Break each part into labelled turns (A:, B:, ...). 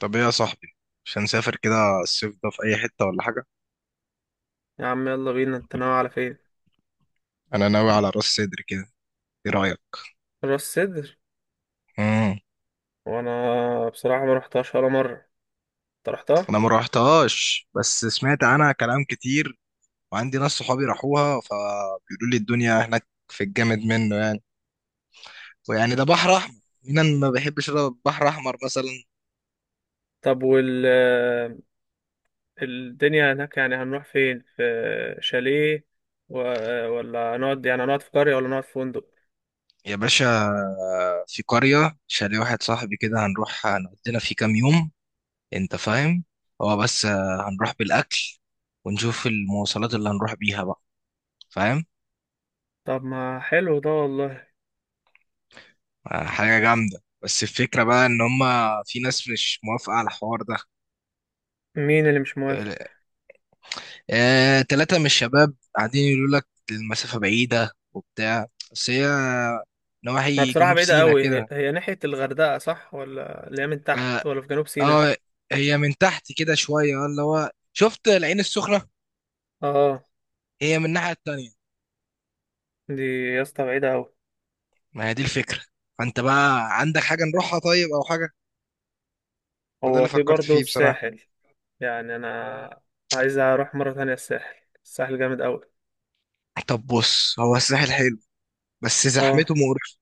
A: طب ايه يا صاحبي؟ مش هنسافر كده الصيف ده في اي حتة ولا حاجة؟
B: يا عم يلا بينا، انت ناوي على فين؟
A: انا ناوي على راس سدر كده. ايه رأيك؟
B: راس سدر.
A: امم
B: وانا بصراحه ما رحتهاش ولا مره، انت رحتها؟
A: انا ما روحتهاش بس سمعت عنها كلام كتير، وعندي ناس صحابي راحوها فبيقولوا لي الدنيا هناك في الجامد منه، يعني ويعني ده بحر احمر. مين أنا ما بيحبش البحر احمر مثلا؟
B: طب وال... الدنيا هناك يعني هنروح فين؟ في شاليه و... ولا نقعد، يعني هنقعد في قريه ولا نقعد في فندق؟
A: يا باشا في قرية شاليه واحد صاحبي كده هنروح هنقضينا فيه كام يوم. انت فاهم؟ هو بس هنروح بالاكل ونشوف المواصلات اللي هنروح بيها بقى. فاهم؟
B: طب ما حلو ده والله.
A: حاجة جامدة، بس الفكرة بقى إن هما في ناس مش موافقة على الحوار ده.
B: مين اللي مش موافق؟
A: تلاتة من الشباب قاعدين يقولوا لك المسافة بعيدة وبتاع، بس هي
B: انا
A: نواحي
B: بصراحه
A: جنوب
B: بعيده
A: سيناء
B: قوي،
A: كده.
B: هي ناحيه الغردقه صح ولا اللي هي من
A: آه,
B: تحت ولا في جنوب سيناء؟
A: آه. هي من تحت كده شوية، اللي هو شفت العين السخنة.
B: اه
A: هي من الناحية التانية.
B: دي، يا اسطى بعيده قوي.
A: ما هي دي الفكرة. فأنت بقى عندك حاجة نروحها طيب أو حاجة؟ ما ده
B: هو
A: اللي
B: في
A: فكرت
B: برضه
A: فيه بصراحة.
B: الساحل، يعني انا عايز اروح مرة تانية الساحل، الساحل جامد قوي.
A: طب بص هو الساحل حلو بس زحمته
B: اه
A: مقرفة.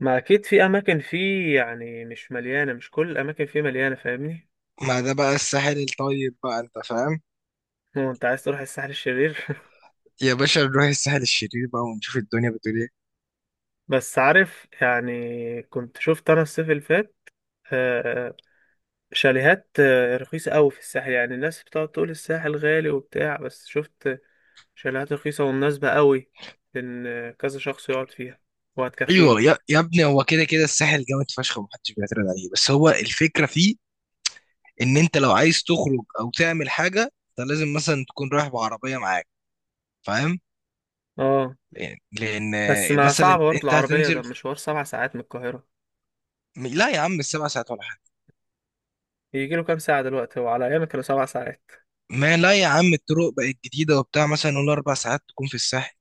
B: ما اكيد في اماكن فيه يعني مش مليانة، مش كل الاماكن فيه مليانة، فاهمني؟
A: ما ده بقى الساحل الطيب بقى، أنت فاهم؟
B: هو انت عايز تروح الساحل الشرير؟
A: يا باشا نروح الساحل الشرير بقى ونشوف الدنيا بتقول ايه.
B: بس عارف يعني كنت شفت انا الصيف اللي فات آه، شاليهات رخيصة قوي في الساحل، يعني الناس بتقعد تقول الساحل غالي وبتاع بس شفت شاليهات رخيصة ومناسبة قوي، إن كذا شخص يقعد فيها
A: ايوه
B: وهتكفيني.
A: يا ابني هو كده كده الساحل جامد فشخ ومحدش بيعترض عليه، بس هو الفكره فيه ان انت لو عايز تخرج او تعمل حاجه انت لازم مثلا تكون رايح بعربيه معاك. فاهم؟
B: اه
A: لأن
B: بس ما
A: مثلا
B: صعب
A: انت
B: برضه العربية، ده
A: هتنزل.
B: مشوار سبع ساعات من القاهرة.
A: لا يا عم السبع ساعات ولا حاجه.
B: يجي له كام ساعة دلوقتي؟ هو على أيامي كانوا سبع ساعات.
A: ما لا يا عم الطرق بقت جديده وبتاع، مثلا نقول اربع ساعات تكون في الساحل.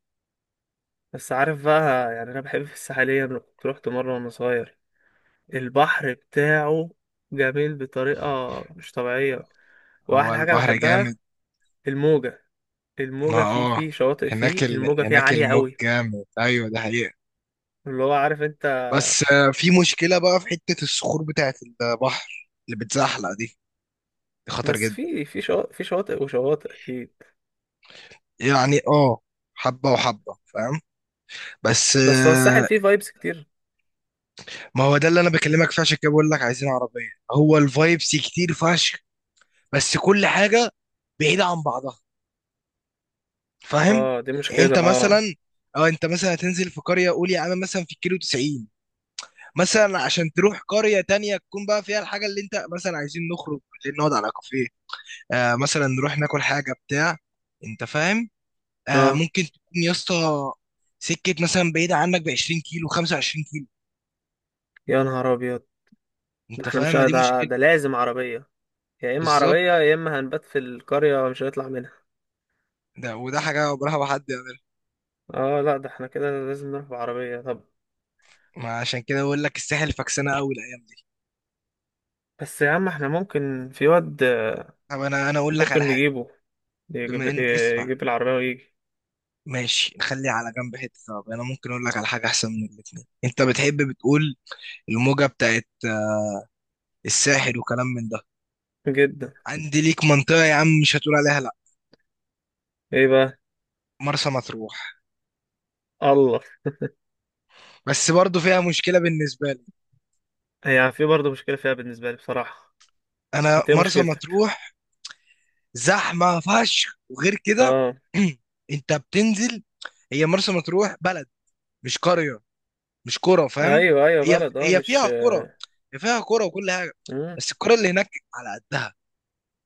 B: بس عارف بقى، يعني أنا بحب في الساحلية، أنا كنت روحت مرة وأنا صغير، البحر بتاعه جميل بطريقة مش طبيعية.
A: هو
B: وأحلى حاجة
A: البحر
B: بحبها
A: جامد.
B: الموجة،
A: ما
B: الموجة فيه
A: اه
B: فيه شواطئ
A: هناك
B: فيه الموجة فيه
A: هناك
B: عالية
A: الموج
B: قوي،
A: جامد، ايوه ده حقيقة.
B: اللي هو عارف أنت.
A: بس في مشكلة بقى في حتة الصخور بتاعة البحر اللي بتزحلق دي، دي خطر
B: بس
A: جدا.
B: في شواطئ، في شواطئ وشواطئ أكيد.
A: يعني اه حبة وحبة، فاهم؟ بس
B: بس هو الساحل
A: آه،
B: فيه فايبس كتير.
A: ما هو ده اللي انا بكلمك فيه، عشان كده بقول لك عايزين عربية. هو الفايبس كتير فشخ بس كل حاجة بعيدة عن بعضها. فاهم؟
B: اه دي
A: يعني
B: مشكلة
A: انت
B: اه.
A: مثلا اه انت مثلا هتنزل في قرية، قول يا عم مثلا في الكيلو 90. مثلا عشان تروح قرية تانية تكون بقى فيها الحاجة اللي انت مثلا عايزين نخرج بالليل نقعد على كافيه، آه مثلا نروح ناكل حاجه بتاع، انت فاهم؟ آه
B: اه،
A: ممكن تكون يا اسطى سكه مثلا بعيده عنك ب 20 كيلو 25 كيلو.
B: يا نهار أبيض. ده
A: انت
B: احنا مش
A: فاهم؟ ما دي
B: ده،
A: مشكله.
B: ده لازم عربية، يا إما
A: بالظبط.
B: عربية يا إما هنبات في القرية مش هنطلع منها.
A: ده وده حاجه عمرها ما حد يعملها.
B: اه لا، ده احنا كده لازم نروح بعربية. طب
A: ما عشان كده بقول لك الساحل فكسانه قوي الايام دي.
B: بس يا عم احنا ممكن في واد،
A: طب انا اقول لك على
B: ممكن
A: حاجه.
B: نجيبه، يجيب،
A: بما ان اسمع،
B: يجيب العربية ويجي.
A: ماشي نخلي على جنب حته. طب انا ممكن اقول لك على حاجه احسن من الاثنين. انت بتحب بتقول الموجه بتاعت الساحل وكلام من ده.
B: جدا.
A: عندي ليك منطقه يا عم مش هتقول عليها لا.
B: ايه بقى؟
A: مرسى مطروح.
B: الله.
A: بس برضه فيها مشكلة بالنسبة لي.
B: هي يعني في برضه مشكلة فيها بالنسبة لي بصراحة.
A: أنا
B: انت ايه
A: مرسى
B: مشكلتك؟
A: مطروح زحمة فشخ، وغير كده
B: اه.
A: أنت بتنزل. هي مرسى مطروح بلد، مش قرية، مش قرى، فاهم؟
B: ايوه ايوه
A: هي
B: بلد، اه
A: هي
B: مش...
A: فيها قرى. هي فيها قرى وكل حاجة.
B: مم.
A: بس القرى اللي هناك على قدها.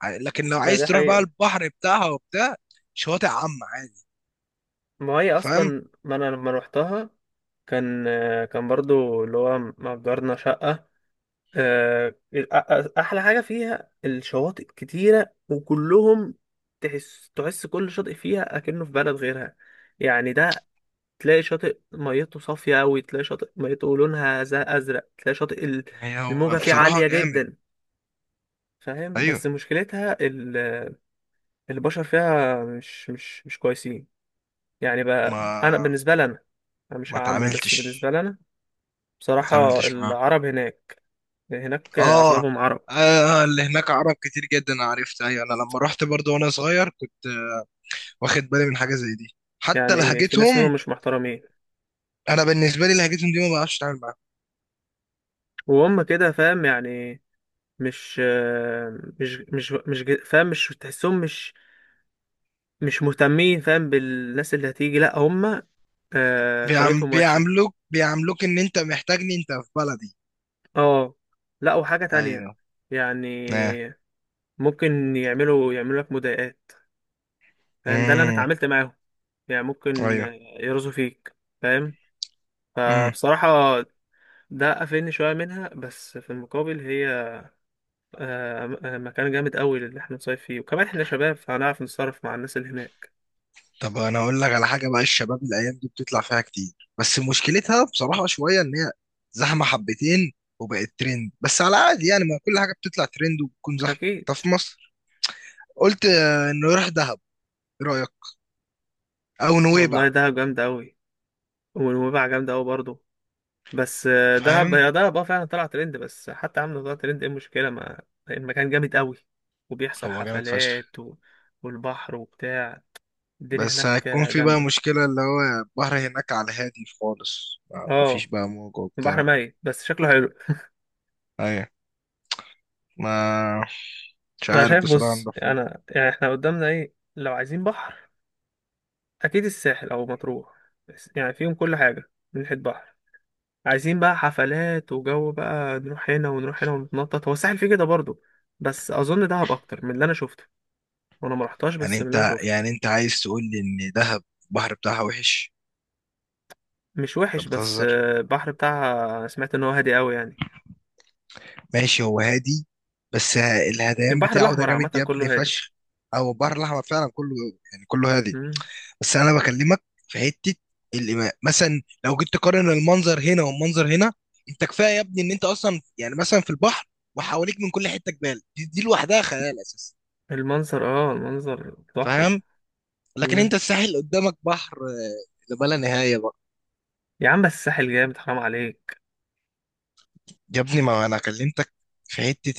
A: لكن لو
B: ما
A: عايز
B: دي
A: تروح بقى
B: حقيقة.
A: البحر بتاعها وبتاع شواطئ عامة عادي،
B: ما هي
A: فاهم؟
B: اصلا ما انا لما روحتها كان، كان برضو اللي هو مأجرنا شقة. احلى حاجه فيها الشواطئ كتيره وكلهم، تحس كل شاطئ فيها اكنه في بلد غيرها، يعني ده تلاقي شاطئ ميته صافيه قوي، تلاقي شاطئ ميته لونها زي ازرق، تلاقي شاطئ
A: هي هو
B: الموجه فيه
A: بصراحة
B: عاليه
A: جامد.
B: جدا. فاهم؟ بس
A: أيوه.
B: مشكلتها البشر فيها مش كويسين. يعني بقى انا
A: ما
B: بالنسبه لي انا، أنا مش
A: ما
B: هعمم بس
A: تعاملتش،
B: بالنسبه لي انا
A: ما
B: بصراحه
A: تعاملتش.
B: العرب هناك، هناك
A: اه
B: اغلبهم عرب،
A: آه، اللي هناك عرب كتير جدا، عرفت؟ ايوه انا لما رحت برضو وانا صغير كنت آه، واخد بالي من حاجه زي دي، حتى
B: يعني في ناس منهم
A: لهجتهم.
B: مش محترمين،
A: انا بالنسبه لي لهجتهم دي ما بعرفش اتعامل معاها.
B: وهم كده فاهم يعني، مش آه، مش مش مش ج- فاهم مش تحسهم، مش مش مهتمين فاهم بالناس اللي هتيجي، لا هم طريقتهم وحشة.
A: بيعاملوك، بيعاملوك ان انت محتاجني انت في بلدي.
B: اه لا وحاجة تانية
A: ايوه.
B: يعني،
A: اه.
B: ممكن يعملوا لك مضايقات، فاهم ده اللي انا
A: امم.
B: اتعاملت معاهم. يعني ممكن
A: ايوه.
B: يرزوا فيك، فاهم،
A: امم.
B: فبصراحة ده قفلني شوية منها. بس في المقابل هي مكان جامد قوي اللي احنا نصيف فيه، وكمان احنا شباب فهنعرف نتصرف مع الناس اللي هناك.
A: طب انا اقول لك على حاجه بقى، الشباب الايام دي بتطلع فيها كتير بس مشكلتها بصراحه شويه ان هي زحمه حبتين، وبقت ترند بس على عادي، يعني ما كل حاجه بتطلع ترند وبتكون زحمه.
B: اكيد.
A: طب في مصر قلت آه، انه يروح دهب. ايه رأيك؟ او
B: والله
A: نويبع.
B: دهب جامده قوي، ونويبع جامده قوي برضه. بس دهب،
A: فاهم؟
B: هي دهب اه فعلا طلع ترند، بس حتى عامله طلع ترند ايه المشكله؟ ما المكان جامد قوي، وبيحصل
A: هو جامد فشخ.
B: حفلات والبحر وبتاع، الدنيا
A: بس
B: هناك
A: هيكون في بقى
B: جامده.
A: مشكلة اللي هو البحر هناك على هادي خالص،
B: اه
A: مفيش بقى موج
B: البحر
A: وبتاع.
B: ميت بس شكله حلو.
A: ايوه. ما مش
B: انا
A: عارف
B: شايف،
A: بصراحة
B: بص
A: نروح فين.
B: انا يعني احنا قدامنا ايه؟ لو عايزين بحر اكيد الساحل او مطروح، بس يعني فيهم كل حاجه من ناحيه بحر. عايزين بقى حفلات وجو بقى نروح هنا ونروح هنا ونتنطط، هو الساحل فيه كده برضه، بس اظن دهب اكتر من اللي انا شفته، وانا ما رحتهاش
A: يعني
B: بس من اللي انا
A: انت، يعني
B: شفته.
A: انت عايز تقول لي ان دهب البحر بتاعها وحش؟
B: مش
A: انت
B: وحش، بس
A: بتهزر.
B: البحر بتاعها سمعت ان هو هادي قوي يعني.
A: ماشي هو هادي، بس الهديان
B: البحر
A: بتاعه ده
B: الاحمر
A: جامد
B: عامه
A: يا ابني
B: كله هادي.
A: فشخ. او البحر الاحمر فعلا كله، يعني كله هادي.
B: مم.
A: بس انا بكلمك في حته الإماء مثلا، لو جيت تقارن المنظر هنا والمنظر هنا، انت كفايه يا ابني ان انت اصلا يعني مثلا في البحر وحواليك من كل حته جبال، دي لوحدها خيال اساسا.
B: المنظر اه المنظر تحفه.
A: فاهم؟ لكن
B: مم.
A: انت الساحل قدامك بحر آه، لما لا نهايه بقى.
B: يا عم بس الساحل جامد، حرام عليك.
A: يا ابني ما انا كلمتك في حته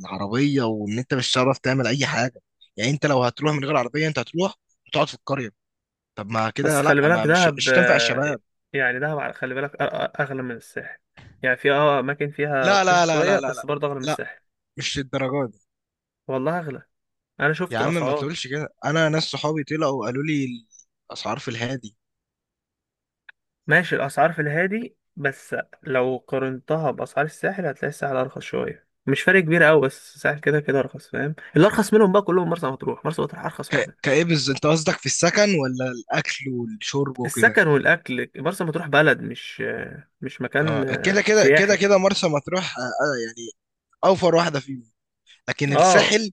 A: العربيه، وان انت مش هتعرف تعمل اي حاجه. يعني انت لو هتروح من غير عربيه انت هتروح وتقعد في القريه. طب ما
B: بس
A: كده لا،
B: خلي بالك
A: ما مش
B: دهب
A: مش تنفع الشباب.
B: يعني دهب خلي بالك اغلى من الساحل، يعني في اه اماكن فيها
A: لا
B: رخيصه
A: لا لا
B: شويه
A: لا لا لا
B: بس برضه اغلى من
A: لا،
B: الساحل.
A: مش للدرجه.
B: والله اغلى، انا
A: يا
B: شفت
A: عم ما
B: الاسعار.
A: تقولش كده، انا ناس صحابي طلعوا وقالوا لي الاسعار في الهادي.
B: ماشي الأسعار في الهادي، بس لو قارنتها بأسعار الساحل هتلاقي الساحل أرخص شوية، مش فرق كبير أوي بس الساحل كده كده أرخص، فاهم؟ اللي أرخص منهم بقى كلهم مرسى مطروح، مرسى مطروح أرخص واحدة.
A: كايه بالظبط؟ انت قصدك في السكن ولا الاكل والشرب وكده؟
B: السكن والأكل، مرسى مطروح بلد مش، مش مكان
A: اه كده كده كده
B: سياحي.
A: كده مرسى مطروح آه آه، يعني اوفر واحده فيهم. لكن
B: اه
A: الساحل،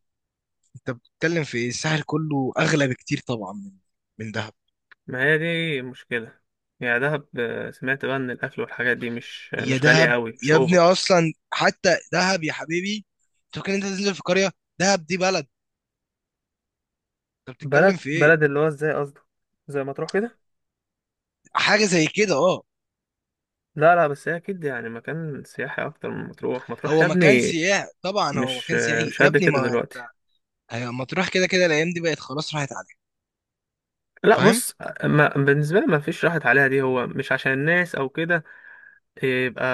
A: انت بتتكلم في إيه؟ الساحل كله اغلى بكتير طبعا من دهب.
B: ما هي دي مشكلة، يعني دهب سمعت بقى إن الأكل والحاجات دي مش
A: هي
B: مش غالية
A: دهب،
B: أوي، مش
A: يا ابني
B: أوفر.
A: اصلا حتى دهب يا حبيبي، انت فاكر إن انت تنزل في قريه؟ دهب دي بلد، انت بتتكلم
B: بلد،
A: في ايه؟
B: بلد اللي هو ازاي قصدك؟ زي مطروح كده؟
A: حاجه زي كده اه.
B: لا لا، بس هي اكيد يعني مكان سياحي اكتر من مطروح، مطروح يا
A: هو مكان
B: ابني
A: سياحي طبعا، هو
B: مش،
A: مكان سياحي
B: مش
A: يا
B: قد
A: ابني.
B: كده
A: ما
B: دلوقتي.
A: ايوه مطروح كده كده الايام دي بقت خلاص راحت عليها.
B: لا
A: فاهم؟
B: بص، ما بالنسبه لي ما فيش راحت عليها دي، هو مش عشان الناس او كده يبقى،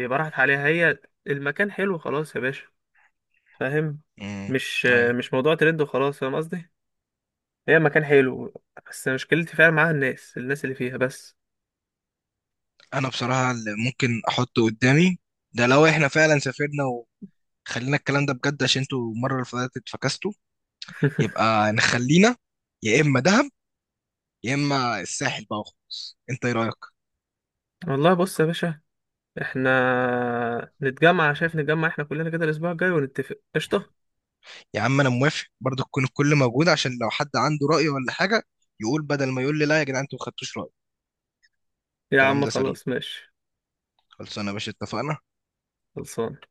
B: يبقى راحت عليها، هي المكان حلو خلاص يا باشا، فاهم؟
A: امم.
B: مش،
A: ايوه.
B: مش موضوع ترند وخلاص، فاهم قصدي؟ هي مكان حلو، بس مشكلتي فعلا معاها الناس، الناس اللي فيها بس.
A: انا بصراحه اللي ممكن احطه قدامي ده، لو احنا فعلا سافرنا وخلينا الكلام ده بجد عشان انتوا المره اللي فاتت فكستوا، يبقى نخلينا يا اما دهب يا اما الساحل بقى وخلاص. انت ايه رايك؟
B: والله بص يا باشا، احنا نتجمع، شايف نتجمع احنا كلنا كده الاسبوع الجاي ونتفق؟ قشطه.
A: يا عم انا موافق برضه تكون الكل موجود، عشان لو حد عنده راي ولا حاجه يقول، بدل ما يقول لي لا يا جدعان انتوا ما خدتوش رايي.
B: يا
A: الكلام
B: عم
A: ده سليم.
B: خلاص ماشي.
A: خلصانه يا باشا، اتفقنا.
B: خلصان.